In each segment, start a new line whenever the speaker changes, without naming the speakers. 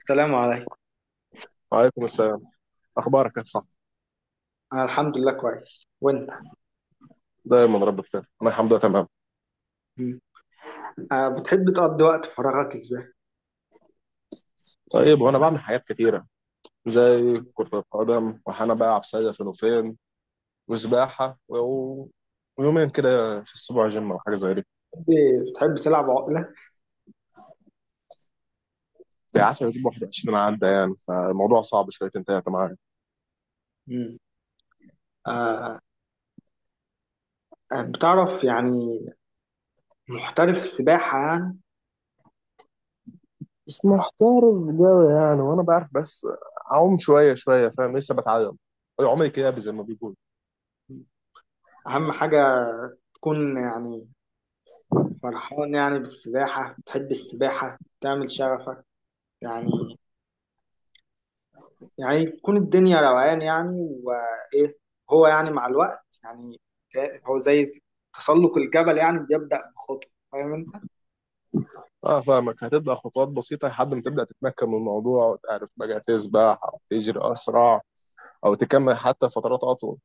السلام عليكم.
وعليكم السلام. اخبارك يا صاحبي؟
أنا الحمد لله كويس، وأنت؟
دايما رب بخير، انا الحمد لله تمام.
مم. آه، بتحب تقضي وقت فراغك إزاي؟
طيب، وانا بعمل حاجات كتيره زي كره القدم، وحنا بقى عبثيه فين وفين، وسباحه ويومين كده في الاسبوع جيم او حاجه زي دي.
بتحب تلعب عقلة؟
بيعافى يجيب 21 عدى يعني، فالموضوع صعب شويتين تلاته معايا.
مم. آه، آه، بتعرف يعني محترف السباحة يعني.
بس محترف جوي يعني، وانا بعرف بس اعوم شويه شويه، فاهم؟ لسه بتعلم عمري كده زي ما بيقول.
مم. أهم حاجة تكون يعني فرحان يعني بالسباحة، بتحب السباحة تعمل شغفك يعني، يعني تكون الدنيا روقان يعني وإيه. هو يعني مع الوقت يعني هو زي تسلق الجبل يعني بيبدأ بخطوة، فاهم أنت؟
اه فاهمك، هتبدا خطوات بسيطه لحد ما تبدا تتمكن من الموضوع وتعرف بقى تسبح أو تجري اسرع، او تكمل حتى فترات اطول.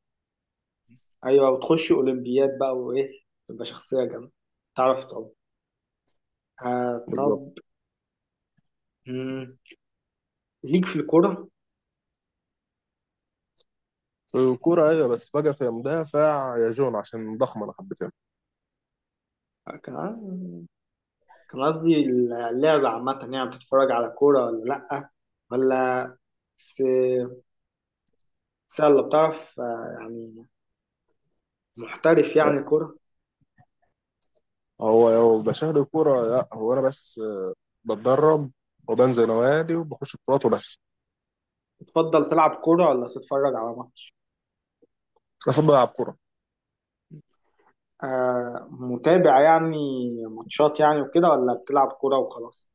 ايوه، وتخش اولمبياد بقى وايه، تبقى شخصيه جامده، تعرف طب، آه
بالظبط.
طب. مم. ليك في الكوره؟
في الكوره ايوه، بس فجاه في مدافع يا جون عشان ضخم انا حبيتها.
آه، كان كان قصدي اللعبه عامه يعني، بتتفرج على كوره ولا لا، ولا بس بس يلا، بتعرف آه يعني محترف يعني كوره.
هو لو بشاهد الكوره لا، هو انا بس بتدرب وبنزل نوادي وبخش بطولات وبس.
تفضل تلعب كوره ولا تتفرج على ماتش؟
المفروض بلعب كوره.
آه، متابع يعني ماتشات يعني وكده، ولا بتلعب كوره وخلاص؟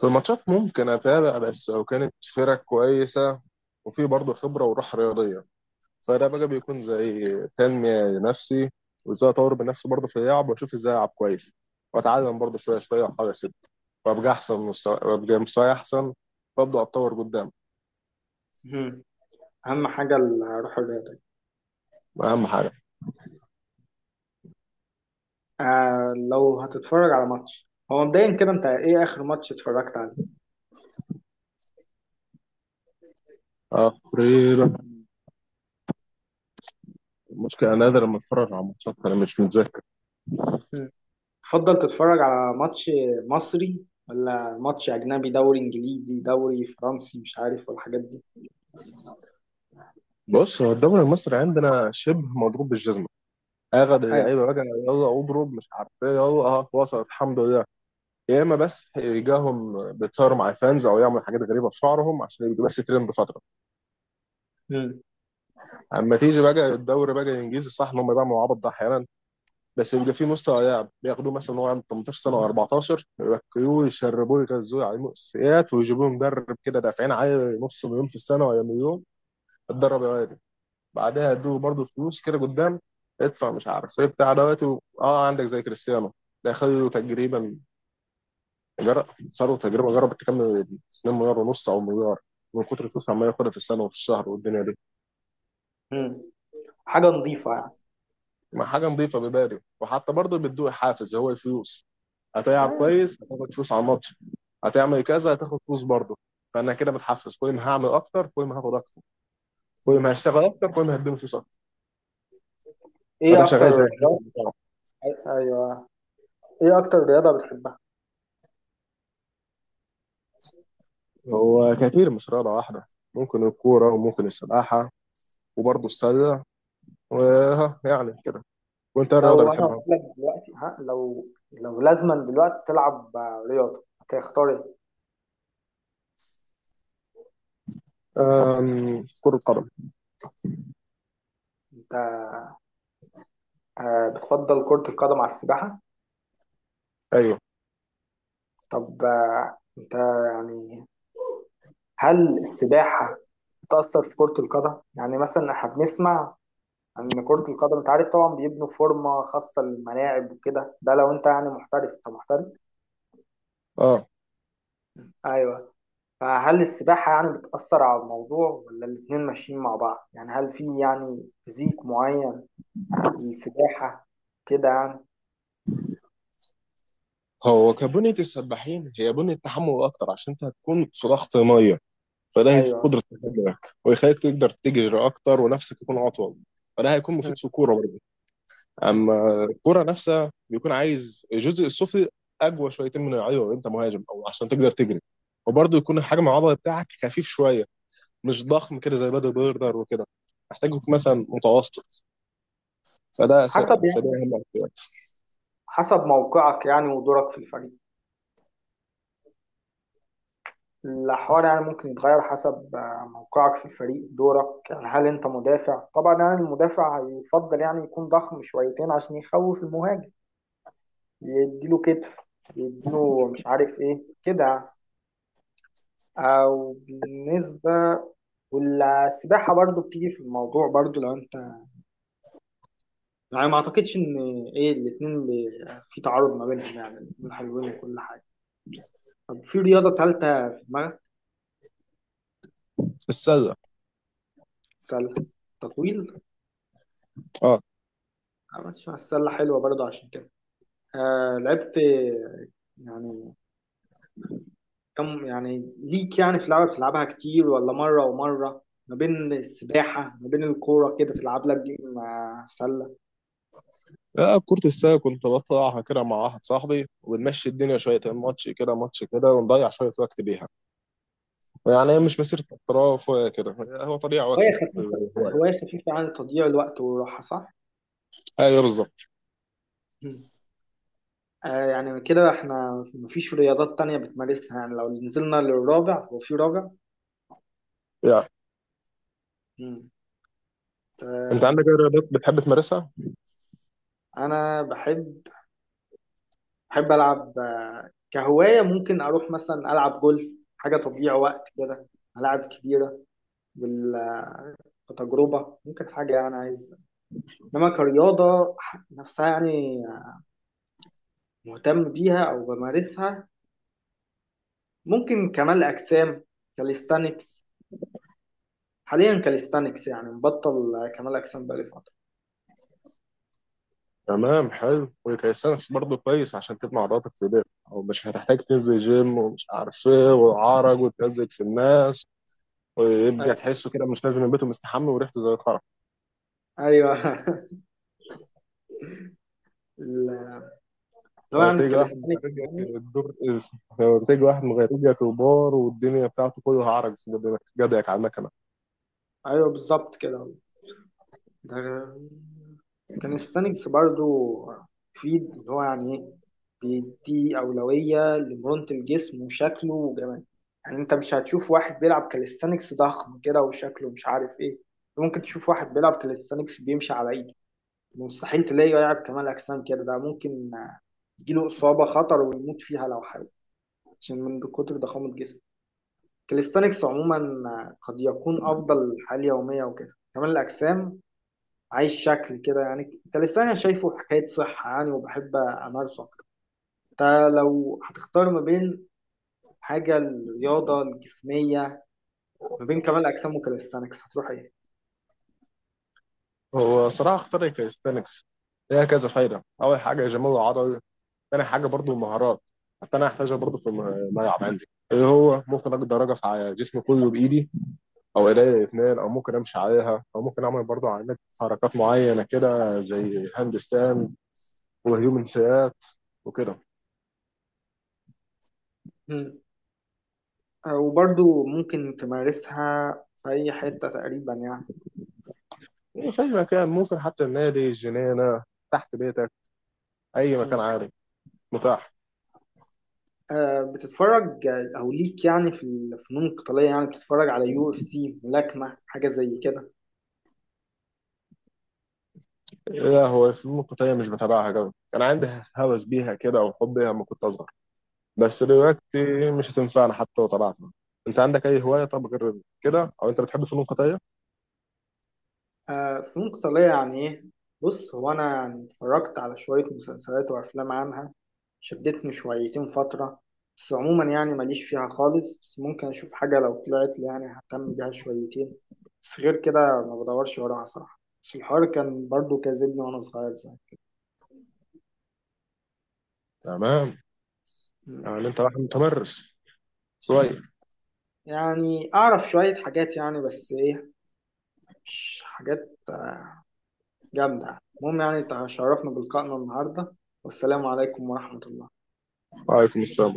في الماتشات ممكن اتابع بس لو كانت فرق كويسه، وفي برضه خبره وروح رياضيه، فده بقى بيكون زي تنميه لنفسي، وازاي اطور بنفسي برضه في اللعب، واشوف ازاي العب كويس، واتعلم برضه شويه شويه، واحاول اسد وابقى احسن مستوى، وابقى مستواي احسن وابدا اتطور قدام.
مم. اهم حاجه الروح الرياضيه.
اهم حاجه.
آه، لو هتتفرج على ماتش، هو مبدئيا كده انت ايه اخر ماتش اتفرجت عليه؟
تقريبا، المشكله انا نادر لما اتفرج على ماتشات، انا مش متذكر.
مم. تفضل تتفرج على ماتش مصري ولا ماتش اجنبي، دوري انجليزي، دوري فرنسي، مش عارف والحاجات دي؟
بص، هو الدوري المصري عندنا شبه مضروب بالجزمه. اخد
ايوه.
اللعيبه بقى يلا اضرب مش عارف ايه يلا. اه وصلت الحمد لله. يا اما بس يجاهم بيتصوروا مع فانز او يعملوا حاجات غريبه في شعرهم عشان يبقوا بس ترند فتره.
مم.
اما تيجي بقى الدوري بقى الانجليزي، صح ان هم بيعملوا عبط ده احيانا، بس بيبقى في مستوى لاعب بياخدوه مثلا وهو عنده 18 سنه و14، يركبوه يشربوه يغذوه على مؤسسات ويجيبوه مدرب كده دافعين عليه نص مليون في السنه ولا مليون. اتدرب يا واد. بعدها يدوه برضه فلوس كده قدام. ادفع مش عارف ايه بتاع دوت اه، عندك زي كريستيانو، ده خدوا تقريبا جر... صاروا تقريبا جربت تكمل 2 مليار ونص او مليار، من كتر الفلوس عمال ياخدها في السنه وفي الشهر والدنيا دي.
مم. حاجة نظيفة يعني.
ما حاجه نظيفه ببالي، وحتى برضه بيدوه حافز هو الفلوس. هتلعب
آه.
كويس هتاخد فلوس على الماتش. هتعمل كذا هتاخد فلوس برضه. فانا كده متحفز، كل ما هعمل اكتر كل ما هاخد اكتر، كل ما
مم.
هشتغل اكتر كل ما هديله فلوس اكتر.
ايه
فده
اكتر
شغال زي الحافز
رياضة؟
بتاعه.
ايوه. ايه اكتر رياضة بتحبها؟
هو كتير مش رياضه واحده، ممكن الكوره وممكن السباحه وبرضه السله وها يعني كده. وانت إيه الرياضه
لو انا قلت
بتحبها؟
لك دلوقتي، ها، لو لازما دلوقتي تلعب آه، رياضة، هتختار ايه
كره قدم.
انت؟ آه، بتفضل كرة القدم على السباحة؟
ايوه.
طب آه، انت يعني هل السباحة بتأثر في كرة القدم؟ يعني مثلا احنا بنسمع ان كرة القدم انت عارف طبعا بيبنوا فورمة خاصة للملاعب وكده، ده لو انت يعني محترف، انت محترف؟
اه.
ايوه. فهل السباحة يعني بتأثر على الموضوع ولا الاتنين ماشيين مع بعض؟ يعني هل في يعني فيزيك معين للسباحة كده يعني؟
هو كبنية السباحين هي بنية تحمل أكتر عشان أنت هتكون في ضغط مية، فده هيزيد
ايوه.
قدرة تهاجمك ويخليك تقدر تجري أكتر ونفسك يكون أطول. فده هيكون
م-
مفيد في الكورة برضه.
م.
أما الكورة نفسها بيكون عايز الجزء السفلي أقوى شويتين، من أيوه أنت مهاجم أو عشان تقدر تجري. وبرضه يكون الحجم العضلي بتاعك خفيف شوية، مش ضخم كده زي بادي بيردر وكده، محتاج يكون مثلا متوسط.
حسب
فده
يعني،
أهم احتياجات.
حسب موقعك يعني ودورك في الفريق، الحوار يعني ممكن يتغير حسب آه، موقعك في الفريق، دورك يعني. هل انت مدافع؟ طبعا يعني المدافع يفضل يعني يكون ضخم شويتين عشان يخوف المهاجم، يديله كتف، يديله مش عارف ايه كده. او بالنسبة والسباحة برضو بتيجي في الموضوع برضو لو انت يعني، ما اعتقدش ان ايه الاتنين في تعارض ما بينهم يعني، الاتنين حلوين وكل حاجة. طب في رياضة تالتة في دماغك؟
السلة.
سلة، تطويل.
اه.
عملتش مع السلة حلوة برضو عشان كده. آه، لعبت يعني كم يعني ليك يعني في لعبة بتلعبها كتير ولا مرة ومرة، ما بين السباحة ما بين الكورة كده، تلعب لك جيم مع سلة؟
لا كرة السلة كنت بطلعها كده مع واحد صاحبي، وبنمشي الدنيا شوية ماتش كده ماتش كده، ونضيع شوية وقت بيها. يعني هي
مم.
مش مسيرة احتراف ولا كده. هو طليع
هواية
واكل بس.
خفيفة.
هواية.
هواية خفيفة عن تضييع الوقت والراحة، صح؟
ايوه بالظبط.
مم. آه، يعني كده احنا مفيش رياضات تانية بتمارسها؟ يعني لو نزلنا للرابع، هو في رابع؟
يعني
مم.
انت عندك
آه،
اي رياضات بتحب تمارسها؟
أنا بحب، بحب ألعب آه، كهواية ممكن أروح مثلا ألعب جولف، حاجة تضييع وقت كده، ملاعب كبيرة، بال- كتجربة ممكن حاجة يعني عايز. إنما كرياضة نفسها يعني مهتم بيها أو بمارسها، ممكن كمال أجسام، كاليستانكس. حاليا كاليستانكس يعني مبطل كمال أجسام بقالي فترة.
تمام، حلو. وكيسانس برضه كويس عشان تبني عضلاتك في ايديك، او مش هتحتاج تنزل جيم ومش عارف ايه وعرج وتمزج في الناس، ويبقى تحسه كده مش نازل من بيته مستحمى وريحته زي الخرا.
أيوة اللي هو يعني
وتيجي واحد
الكاليستانكس
مغرجك
يعني.
الدور، تيجي واحد مغرجك وبار والدنيا بتاعته كلها عرج في جدك على المكنه.
أيوة بالظبط كده. ده كان ستانكس برضو، فيد اللي هو يعني ايه، بيدي أولوية لمرونة الجسم وشكله وجماله. يعني انت مش هتشوف واحد بيلعب كاليستانكس ضخم كده وشكله مش عارف ايه. ممكن تشوف واحد بيلعب كاليستانكس بيمشي على ايده، مستحيل تلاقيه يلعب كمال أجسام كده. ده ممكن آه، يجيله إصابة خطر ويموت فيها لو حاول، عشان من كتر ضخامة جسمه. كاليستانكس عموما آه، قد يكون أفضل حال يومية وكده، كمال الأجسام عايش شكل كده يعني. انت لساني شايفه حكاية صحة يعني، وبحب أمارسه أكتر. انت لو هتختار ما بين حاجة الرياضة الجسمية، ما بين كمال أجسام وكاليستانكس، هتروح إيه؟
هو صراحه اختار الكاليستانكس. ليها كذا فايده، اول حاجه جمال العضل، تاني حاجه برضو المهارات، حتى انا هحتاجها برضو في الملعب عندي، اللي هو ممكن اقدر اوقف على جسمي كله بايدي او ايديا الاثنين، او ممكن امشي عليها، او ممكن اعمل برضو علامات حركات معينه كده زي هاند ستاند وهيومن سيات وكده.
مم. آه، وبرضو ممكن تمارسها في أي حتة تقريبا يعني.
يعني في اي مكان ممكن، حتى النادي الجنينه تحت بيتك، اي مكان
مم.
عالي متاح.
آه، بتتفرج آه، أو ليك يعني في الفنون القتالية يعني، بتتفرج على يو اف سي، ملاكمة، حاجة زي كده؟
لا هو الفنون القتاليه مش بتابعها قوي، كان عندي هوس بيها كده وحب بيها لما كنت اصغر، بس
مم.
دلوقتي مش هتنفعنا حتى لو طلعنا. انت عندك اي هوايه طب غير كده؟ او انت بتحب فنون قتاليه؟
آه، فنون قتالية يعني إيه؟ بص هو أنا يعني اتفرجت على شوية مسلسلات وأفلام عنها، شدتني شويتين فترة، بس عموما يعني ماليش فيها خالص، بس ممكن أشوف حاجة لو طلعت لي يعني ههتم بيها شويتين، بس غير كده ما بدورش وراها صراحة. بس الحوار كان برضو كاذبني وأنا صغير زي.
تمام.
مم.
يعني انت واحد متمرس شويه.
يعني أعرف شوية حاجات يعني، بس إيه، مش حاجات جامدة. المهم يعني تشرفنا بلقائنا النهاردة، والسلام عليكم ورحمة الله.
وعليكم السلام.